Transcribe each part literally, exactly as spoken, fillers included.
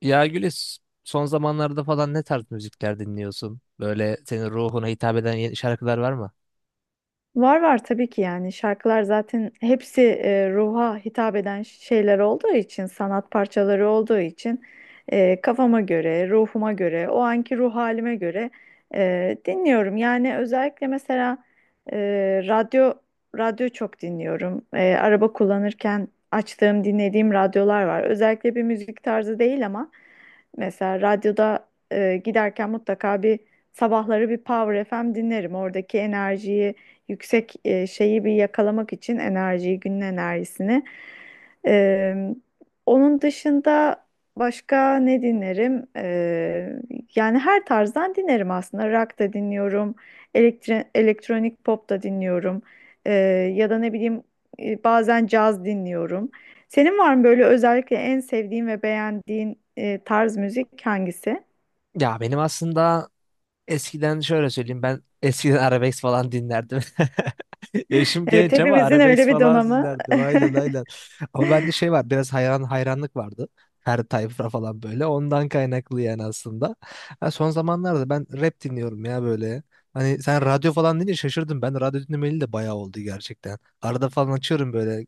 Ya Gülis, son zamanlarda falan ne tarz müzikler dinliyorsun? Böyle senin ruhuna hitap eden yeni şarkılar var mı? Var var tabii ki yani şarkılar zaten hepsi e, ruha hitap eden şeyler olduğu için, sanat parçaları olduğu için e, kafama göre, ruhuma göre, o anki ruh halime göre e, dinliyorum. Yani özellikle mesela e, radyo radyo çok dinliyorum. E, araba kullanırken açtığım, dinlediğim radyolar var. Özellikle bir müzik tarzı değil ama mesela radyoda e, giderken mutlaka bir sabahları bir Power F M dinlerim. Oradaki enerjiyi yüksek e, şeyi, bir yakalamak için enerjiyi, günün enerjisini. Ee, Onun dışında başka ne dinlerim? Ee, yani her tarzdan dinlerim aslında. Rock da dinliyorum, elektri- elektronik pop da dinliyorum. Ee, Ya da ne bileyim e, bazen caz dinliyorum. Senin var mı böyle özellikle en sevdiğin ve beğendiğin e, tarz müzik hangisi? Ya benim aslında eskiden şöyle söyleyeyim, ben eskiden arabesk falan dinlerdim. Yaşım Evet, genç ama hepimizin öyle arabesk bir falan donamı. dinlerdim. Aynen, aynen. Ama bende şey var, biraz hayran hayranlık vardı. Her tayfa falan böyle. Ondan kaynaklı yani aslında. Ha, son zamanlarda ben rap dinliyorum ya böyle. Hani sen radyo falan deyince şaşırdım. Ben radyo dinlemeli de bayağı oldu gerçekten. Arada falan açıyorum böyle.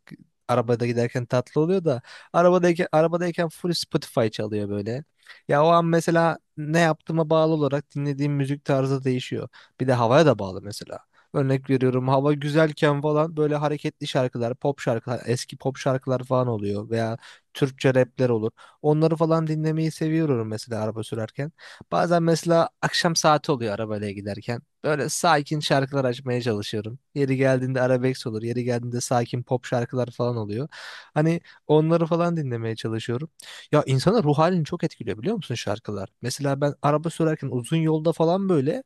Arabada giderken tatlı oluyor da arabadayken arabadayken full Spotify çalıyor böyle. Ya o an mesela ne yaptığıma bağlı olarak dinlediğim müzik tarzı değişiyor. Bir de havaya da bağlı mesela. Örnek veriyorum, hava güzelken falan böyle hareketli şarkılar, pop şarkılar, eski pop şarkılar falan oluyor veya Türkçe rapler olur. Onları falan dinlemeyi seviyorum mesela araba sürerken. Bazen mesela akşam saati oluyor arabayla giderken. Böyle sakin şarkılar açmaya çalışıyorum. Yeri geldiğinde arabesk olur, yeri geldiğinde sakin pop şarkılar falan oluyor. Hani onları falan dinlemeye çalışıyorum. Ya insanın ruh halini çok etkiliyor biliyor musun şarkılar? Mesela ben araba sürerken uzun yolda falan böyle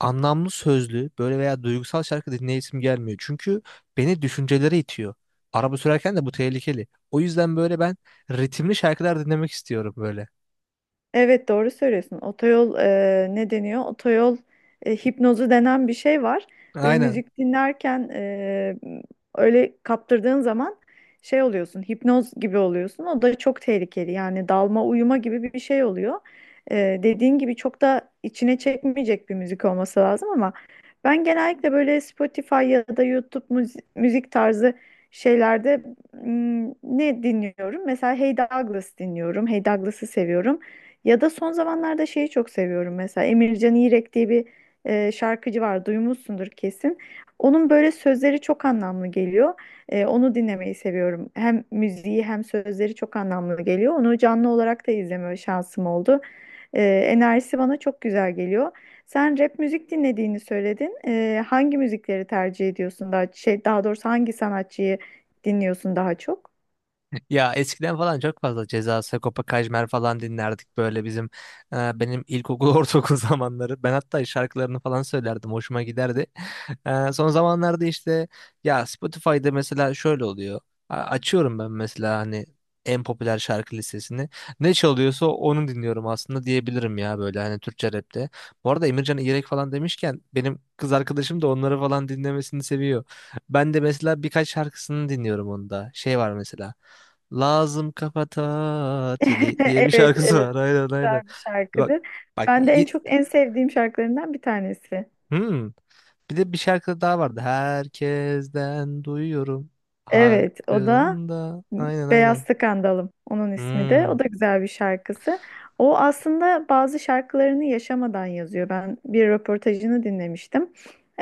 anlamlı sözlü böyle veya duygusal şarkı dinleyesim gelmiyor. Çünkü beni düşüncelere itiyor. Araba sürerken de bu tehlikeli. O yüzden böyle ben ritimli şarkılar dinlemek istiyorum böyle. Evet, doğru söylüyorsun. Otoyol e, ne deniyor? Otoyol e, hipnozu denen bir şey var. Böyle Aynen. müzik dinlerken e, öyle kaptırdığın zaman şey oluyorsun, hipnoz gibi oluyorsun. O da çok tehlikeli. Yani dalma, uyuma gibi bir bir şey oluyor. E, dediğin gibi çok da içine çekmeyecek bir müzik olması lazım ama ben genellikle böyle Spotify ya da YouTube müzi- müzik tarzı şeylerde mm, ne dinliyorum? Mesela Hey Douglas dinliyorum. Hey Douglas'ı seviyorum. Ya da son zamanlarda şeyi çok seviyorum, mesela Emircan İrek diye bir e, şarkıcı var, duymuşsundur kesin. Onun böyle sözleri çok anlamlı geliyor. E, onu dinlemeyi seviyorum. Hem müziği hem sözleri çok anlamlı geliyor. Onu canlı olarak da izleme şansım oldu. E, enerjisi bana çok güzel geliyor. Sen rap müzik dinlediğini söyledin. E, hangi müzikleri tercih ediyorsun, daha şey, daha doğrusu hangi sanatçıyı dinliyorsun daha çok? Ya eskiden falan çok fazla Ceza, Sagopa Kajmer falan dinlerdik böyle bizim e, benim ilkokul ortaokul zamanları. Ben hatta şarkılarını falan söylerdim, hoşuma giderdi. E, son zamanlarda işte ya Spotify'da mesela şöyle oluyor. A- Açıyorum ben mesela hani en popüler şarkı listesini. Ne çalıyorsa onu dinliyorum aslında diyebilirim ya böyle hani Türkçe rapte. Bu arada Emircan İrek falan demişken benim kız arkadaşım da onları falan dinlemesini seviyor. Ben de mesela birkaç şarkısını dinliyorum onda. Şey var mesela. Lazım kafa tatili diye bir Evet, şarkısı evet, var. Aynen, aynen. güzel bir Bak, şarkıdır. bak Ben de en y- çok en sevdiğim şarkılarından bir tanesi. Hmm. Bir de bir şarkı daha vardı. Herkesten duyuyorum Evet, o da hakkında. Aynen, Beyaz aynen. Skandalım, onun ismi de. Hmm. O da güzel bir şarkısı. O aslında bazı şarkılarını yaşamadan yazıyor. Ben bir röportajını dinlemiştim.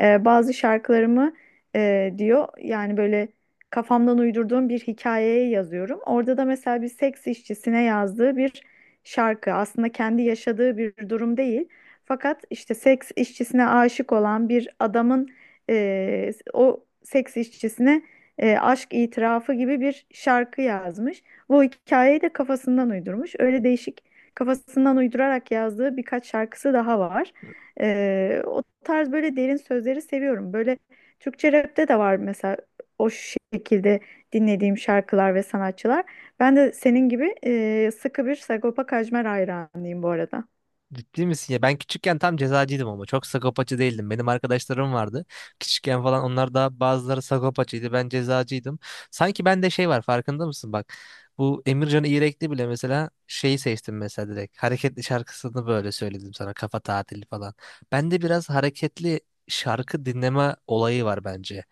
Ee, bazı şarkılarımı e, diyor, yani böyle kafamdan uydurduğum bir hikayeye yazıyorum. Orada da mesela bir seks işçisine yazdığı bir şarkı. Aslında kendi yaşadığı bir durum değil. Fakat işte seks işçisine aşık olan bir adamın e, o seks işçisine e, aşk itirafı gibi bir şarkı yazmış. Bu hikayeyi de kafasından uydurmuş. Öyle değişik, kafasından uydurarak yazdığı birkaç şarkısı daha var. E, o tarz böyle derin sözleri seviyorum. Böyle Türkçe rapte de var mesela o şekilde dinlediğim şarkılar ve sanatçılar. Ben de senin gibi e, sıkı bir Sagopa Kajmer hayranıyım bu arada. Ciddi misin ya? Ben küçükken tam cezacıydım ama çok sakopacı değildim. Benim arkadaşlarım vardı. Küçükken falan onlar da bazıları sakopacıydı. Ben cezacıydım. Sanki bende şey var, farkında mısın bak. Bu Emircan İğrekli bile mesela şeyi seçtim mesela direkt. Hareketli şarkısını böyle söyledim sana, kafa tatili falan. Bende biraz hareketli şarkı dinleme olayı var bence.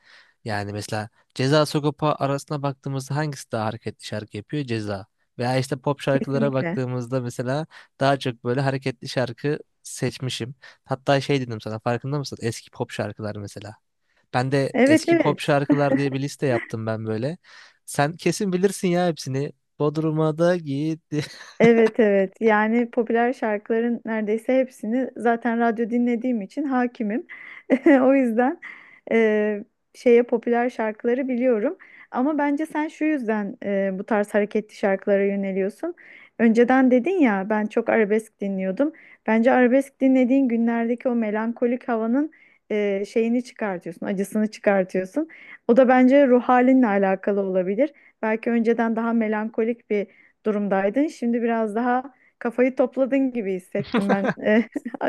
Yani mesela Ceza Sagopa arasına baktığımızda hangisi daha hareketli şarkı yapıyor? Ceza. Veya işte pop şarkılara Kesinlikle. baktığımızda mesela daha çok böyle hareketli şarkı seçmişim. Hatta şey dedim sana, farkında mısın? Eski pop şarkılar mesela. Ben de Evet, eski pop evet. şarkılar diye bir liste yaptım ben böyle. Sen kesin bilirsin ya hepsini. Bodrum'a da gitti. Evet, evet, yani popüler şarkıların neredeyse hepsini zaten radyo dinlediğim için hakimim. O yüzden e, şeye popüler şarkıları biliyorum. Ama bence sen şu yüzden e, bu tarz hareketli şarkılara yöneliyorsun. Önceden dedin ya ben çok arabesk dinliyordum. Bence arabesk dinlediğin günlerdeki o melankolik havanın e, şeyini çıkartıyorsun, acısını çıkartıyorsun. O da bence ruh halinle alakalı olabilir. Belki önceden daha melankolik bir durumdaydın. Şimdi biraz daha kafayı topladın gibi hissettim ben. Eh,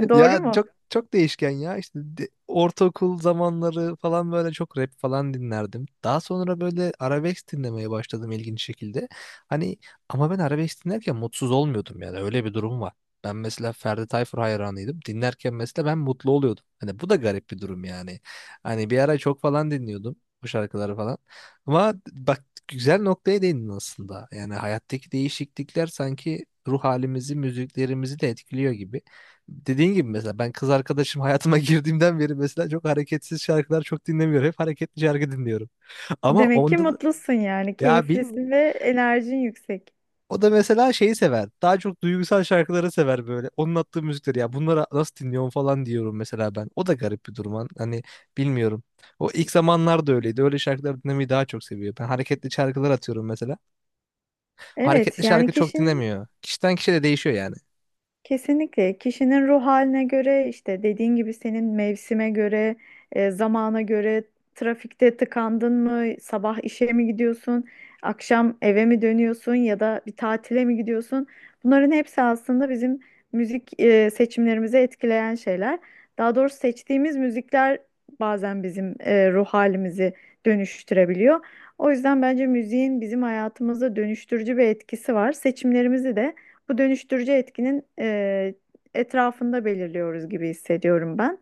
doğru Ya mu? çok çok değişken ya işte, de- ortaokul zamanları falan böyle çok rap falan dinlerdim. Daha sonra böyle arabesk dinlemeye başladım ilginç şekilde. Hani ama ben arabesk dinlerken mutsuz olmuyordum, yani öyle bir durum var. Ben mesela Ferdi Tayfur hayranıydım. Dinlerken mesela ben mutlu oluyordum. Hani bu da garip bir durum yani. Hani bir ara çok falan dinliyordum bu şarkıları falan. Ama bak, güzel noktaya değindin aslında. Yani hayattaki değişiklikler sanki ruh halimizi, müziklerimizi de etkiliyor gibi. Dediğin gibi mesela ben kız arkadaşım hayatıma girdiğimden beri mesela çok hareketsiz şarkılar çok dinlemiyorum. Hep hareketli şarkı dinliyorum. Ama Demek ki onda da, mutlusun yani, ya bilmiyorum. keyiflisin ve enerjin yüksek. O da mesela şeyi sever. Daha çok duygusal şarkıları sever böyle. Onun attığı müzikleri ya bunlara nasıl dinliyorum falan diyorum mesela ben. O da garip bir durum. Hani hani bilmiyorum. O ilk zamanlar da öyleydi. Öyle şarkıları dinlemeyi daha çok seviyor. Ben hareketli şarkılar atıyorum mesela. Hareketli Evet, yani şarkı çok kişinin. dinlemiyor. Kişiden kişiye de değişiyor yani. Kesinlikle kişinin ruh haline göre işte dediğin gibi, senin mevsime göre, e, zamana göre, trafikte tıkandın mı, sabah işe mi gidiyorsun, akşam eve mi dönüyorsun, ya da bir tatile mi gidiyorsun? Bunların hepsi aslında bizim müzik e, seçimlerimizi etkileyen şeyler. Daha doğrusu seçtiğimiz müzikler bazen bizim e, ruh halimizi dönüştürebiliyor. O yüzden bence müziğin bizim hayatımızda dönüştürücü bir etkisi var. Seçimlerimizi de bu dönüştürücü etkinin e, etrafında belirliyoruz gibi hissediyorum ben.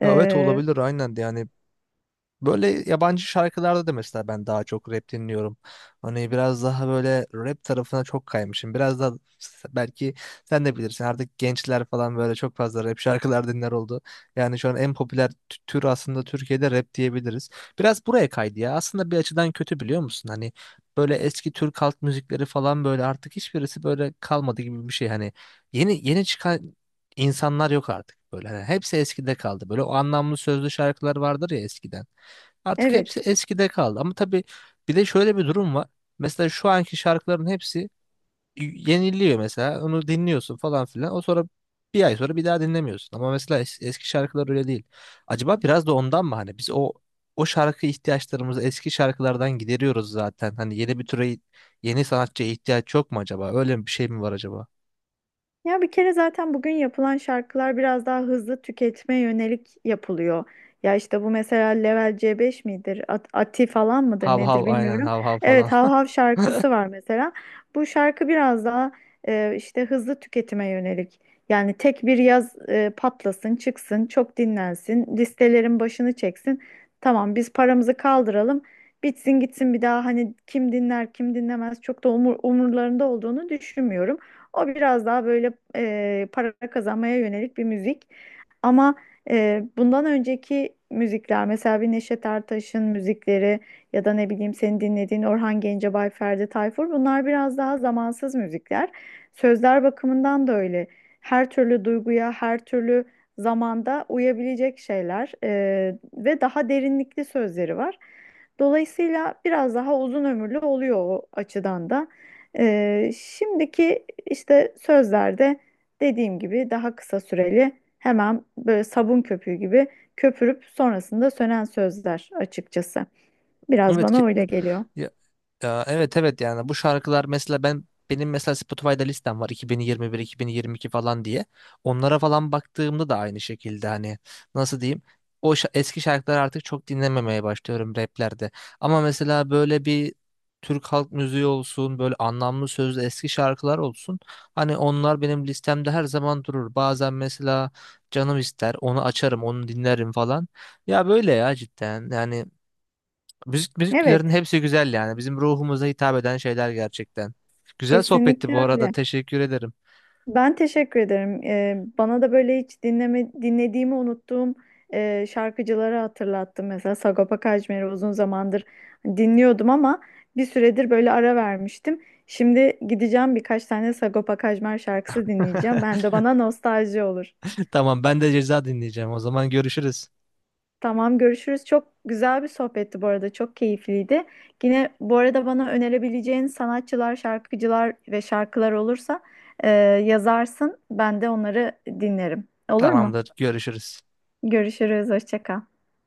Ha, evet, E, olabilir aynen de yani böyle yabancı şarkılarda da mesela ben daha çok rap dinliyorum. Hani biraz daha böyle rap tarafına çok kaymışım. Biraz da belki sen de bilirsin, artık gençler falan böyle çok fazla rap şarkılar dinler oldu. Yani şu an en popüler tü- tür aslında Türkiye'de rap diyebiliriz. Biraz buraya kaydı ya. Aslında bir açıdan kötü, biliyor musun? Hani böyle eski Türk halk müzikleri falan böyle artık hiçbirisi böyle kalmadı gibi bir şey. Hani yeni yeni çıkan insanlar yok artık böyle. Hani hepsi eskide kaldı. Böyle o anlamlı sözlü şarkılar vardır ya eskiden. Artık hepsi evet. eskide kaldı. Ama tabii bir de şöyle bir durum var. Mesela şu anki şarkıların hepsi yeniliyor mesela. Onu dinliyorsun falan filan. O sonra bir ay sonra bir daha dinlemiyorsun. Ama mesela es- eski şarkılar öyle değil. Acaba biraz da ondan mı, hani biz o o şarkı ihtiyaçlarımızı eski şarkılardan gideriyoruz zaten. Hani yeni bir türe, yeni sanatçıya ihtiyaç yok mu acaba? Öyle bir şey mi var acaba? Ya bir kere zaten bugün yapılan şarkılar biraz daha hızlı tüketme yönelik yapılıyor. Ya işte bu mesela Level C beş midir? At- Ati falan mıdır Hav nedir hav aynen, bilmiyorum. hav hav falan. Evet, Hav Hav şarkısı var mesela. Bu şarkı biraz daha e, işte hızlı tüketime yönelik. Yani tek bir yaz e, patlasın, çıksın, çok dinlensin, listelerin başını çeksin. Tamam, biz paramızı kaldıralım. Bitsin gitsin, bir daha hani kim dinler kim dinlemez çok da umur, umurlarında olduğunu düşünmüyorum. O biraz daha böyle e, para kazanmaya yönelik bir müzik. Ama e, bundan önceki müzikler, mesela bir Neşet Ertaş'ın müzikleri, ya da ne bileyim senin dinlediğin Orhan Gencebay, Ferdi Tayfur, bunlar biraz daha zamansız müzikler. Sözler bakımından da öyle. Her türlü duyguya, her türlü zamanda uyabilecek şeyler e, ve daha derinlikli sözleri var. Dolayısıyla biraz daha uzun ömürlü oluyor o açıdan da. E, şimdiki işte sözlerde dediğim gibi daha kısa süreli. Hemen böyle sabun köpüğü gibi köpürüp sonrasında sönen sözler açıkçası. Biraz Evet ki bana öyle geliyor. ya evet, evet, yani bu şarkılar mesela ben benim mesela Spotify'da listem var iki bin yirmi bir iki bin yirmi iki falan diye. Onlara falan baktığımda da aynı şekilde hani nasıl diyeyim? O şa- eski şarkıları artık çok dinlememeye başlıyorum raplerde. Ama mesela böyle bir Türk halk müziği olsun, böyle anlamlı sözlü eski şarkılar olsun. Hani onlar benim listemde her zaman durur. Bazen mesela canım ister, onu açarım, onu dinlerim falan. Ya böyle ya, cidden. Yani müzik, müzik türlerinin Evet, hepsi güzel yani. Bizim ruhumuza hitap eden şeyler gerçekten. Güzel sohbetti bu kesinlikle arada. öyle. Teşekkür ederim. Ben teşekkür ederim. Ee, bana da böyle hiç dinleme, dinlediğimi unuttuğum e, şarkıcıları hatırlattım. Mesela Sagopa Kajmer'i uzun zamandır dinliyordum ama bir süredir böyle ara vermiştim. Şimdi gideceğim, birkaç tane Sagopa Kajmer şarkısı dinleyeceğim. Hem de bana nostalji olur. Tamam, ben de ceza dinleyeceğim. O zaman görüşürüz. Tamam, görüşürüz. Çok güzel bir sohbetti bu arada. Çok keyifliydi. Yine bu arada bana önerebileceğin sanatçılar, şarkıcılar ve şarkılar olursa e, yazarsın. Ben de onları dinlerim. Olur mu? Tamamdır. Görüşürüz. Görüşürüz. Hoşça kal.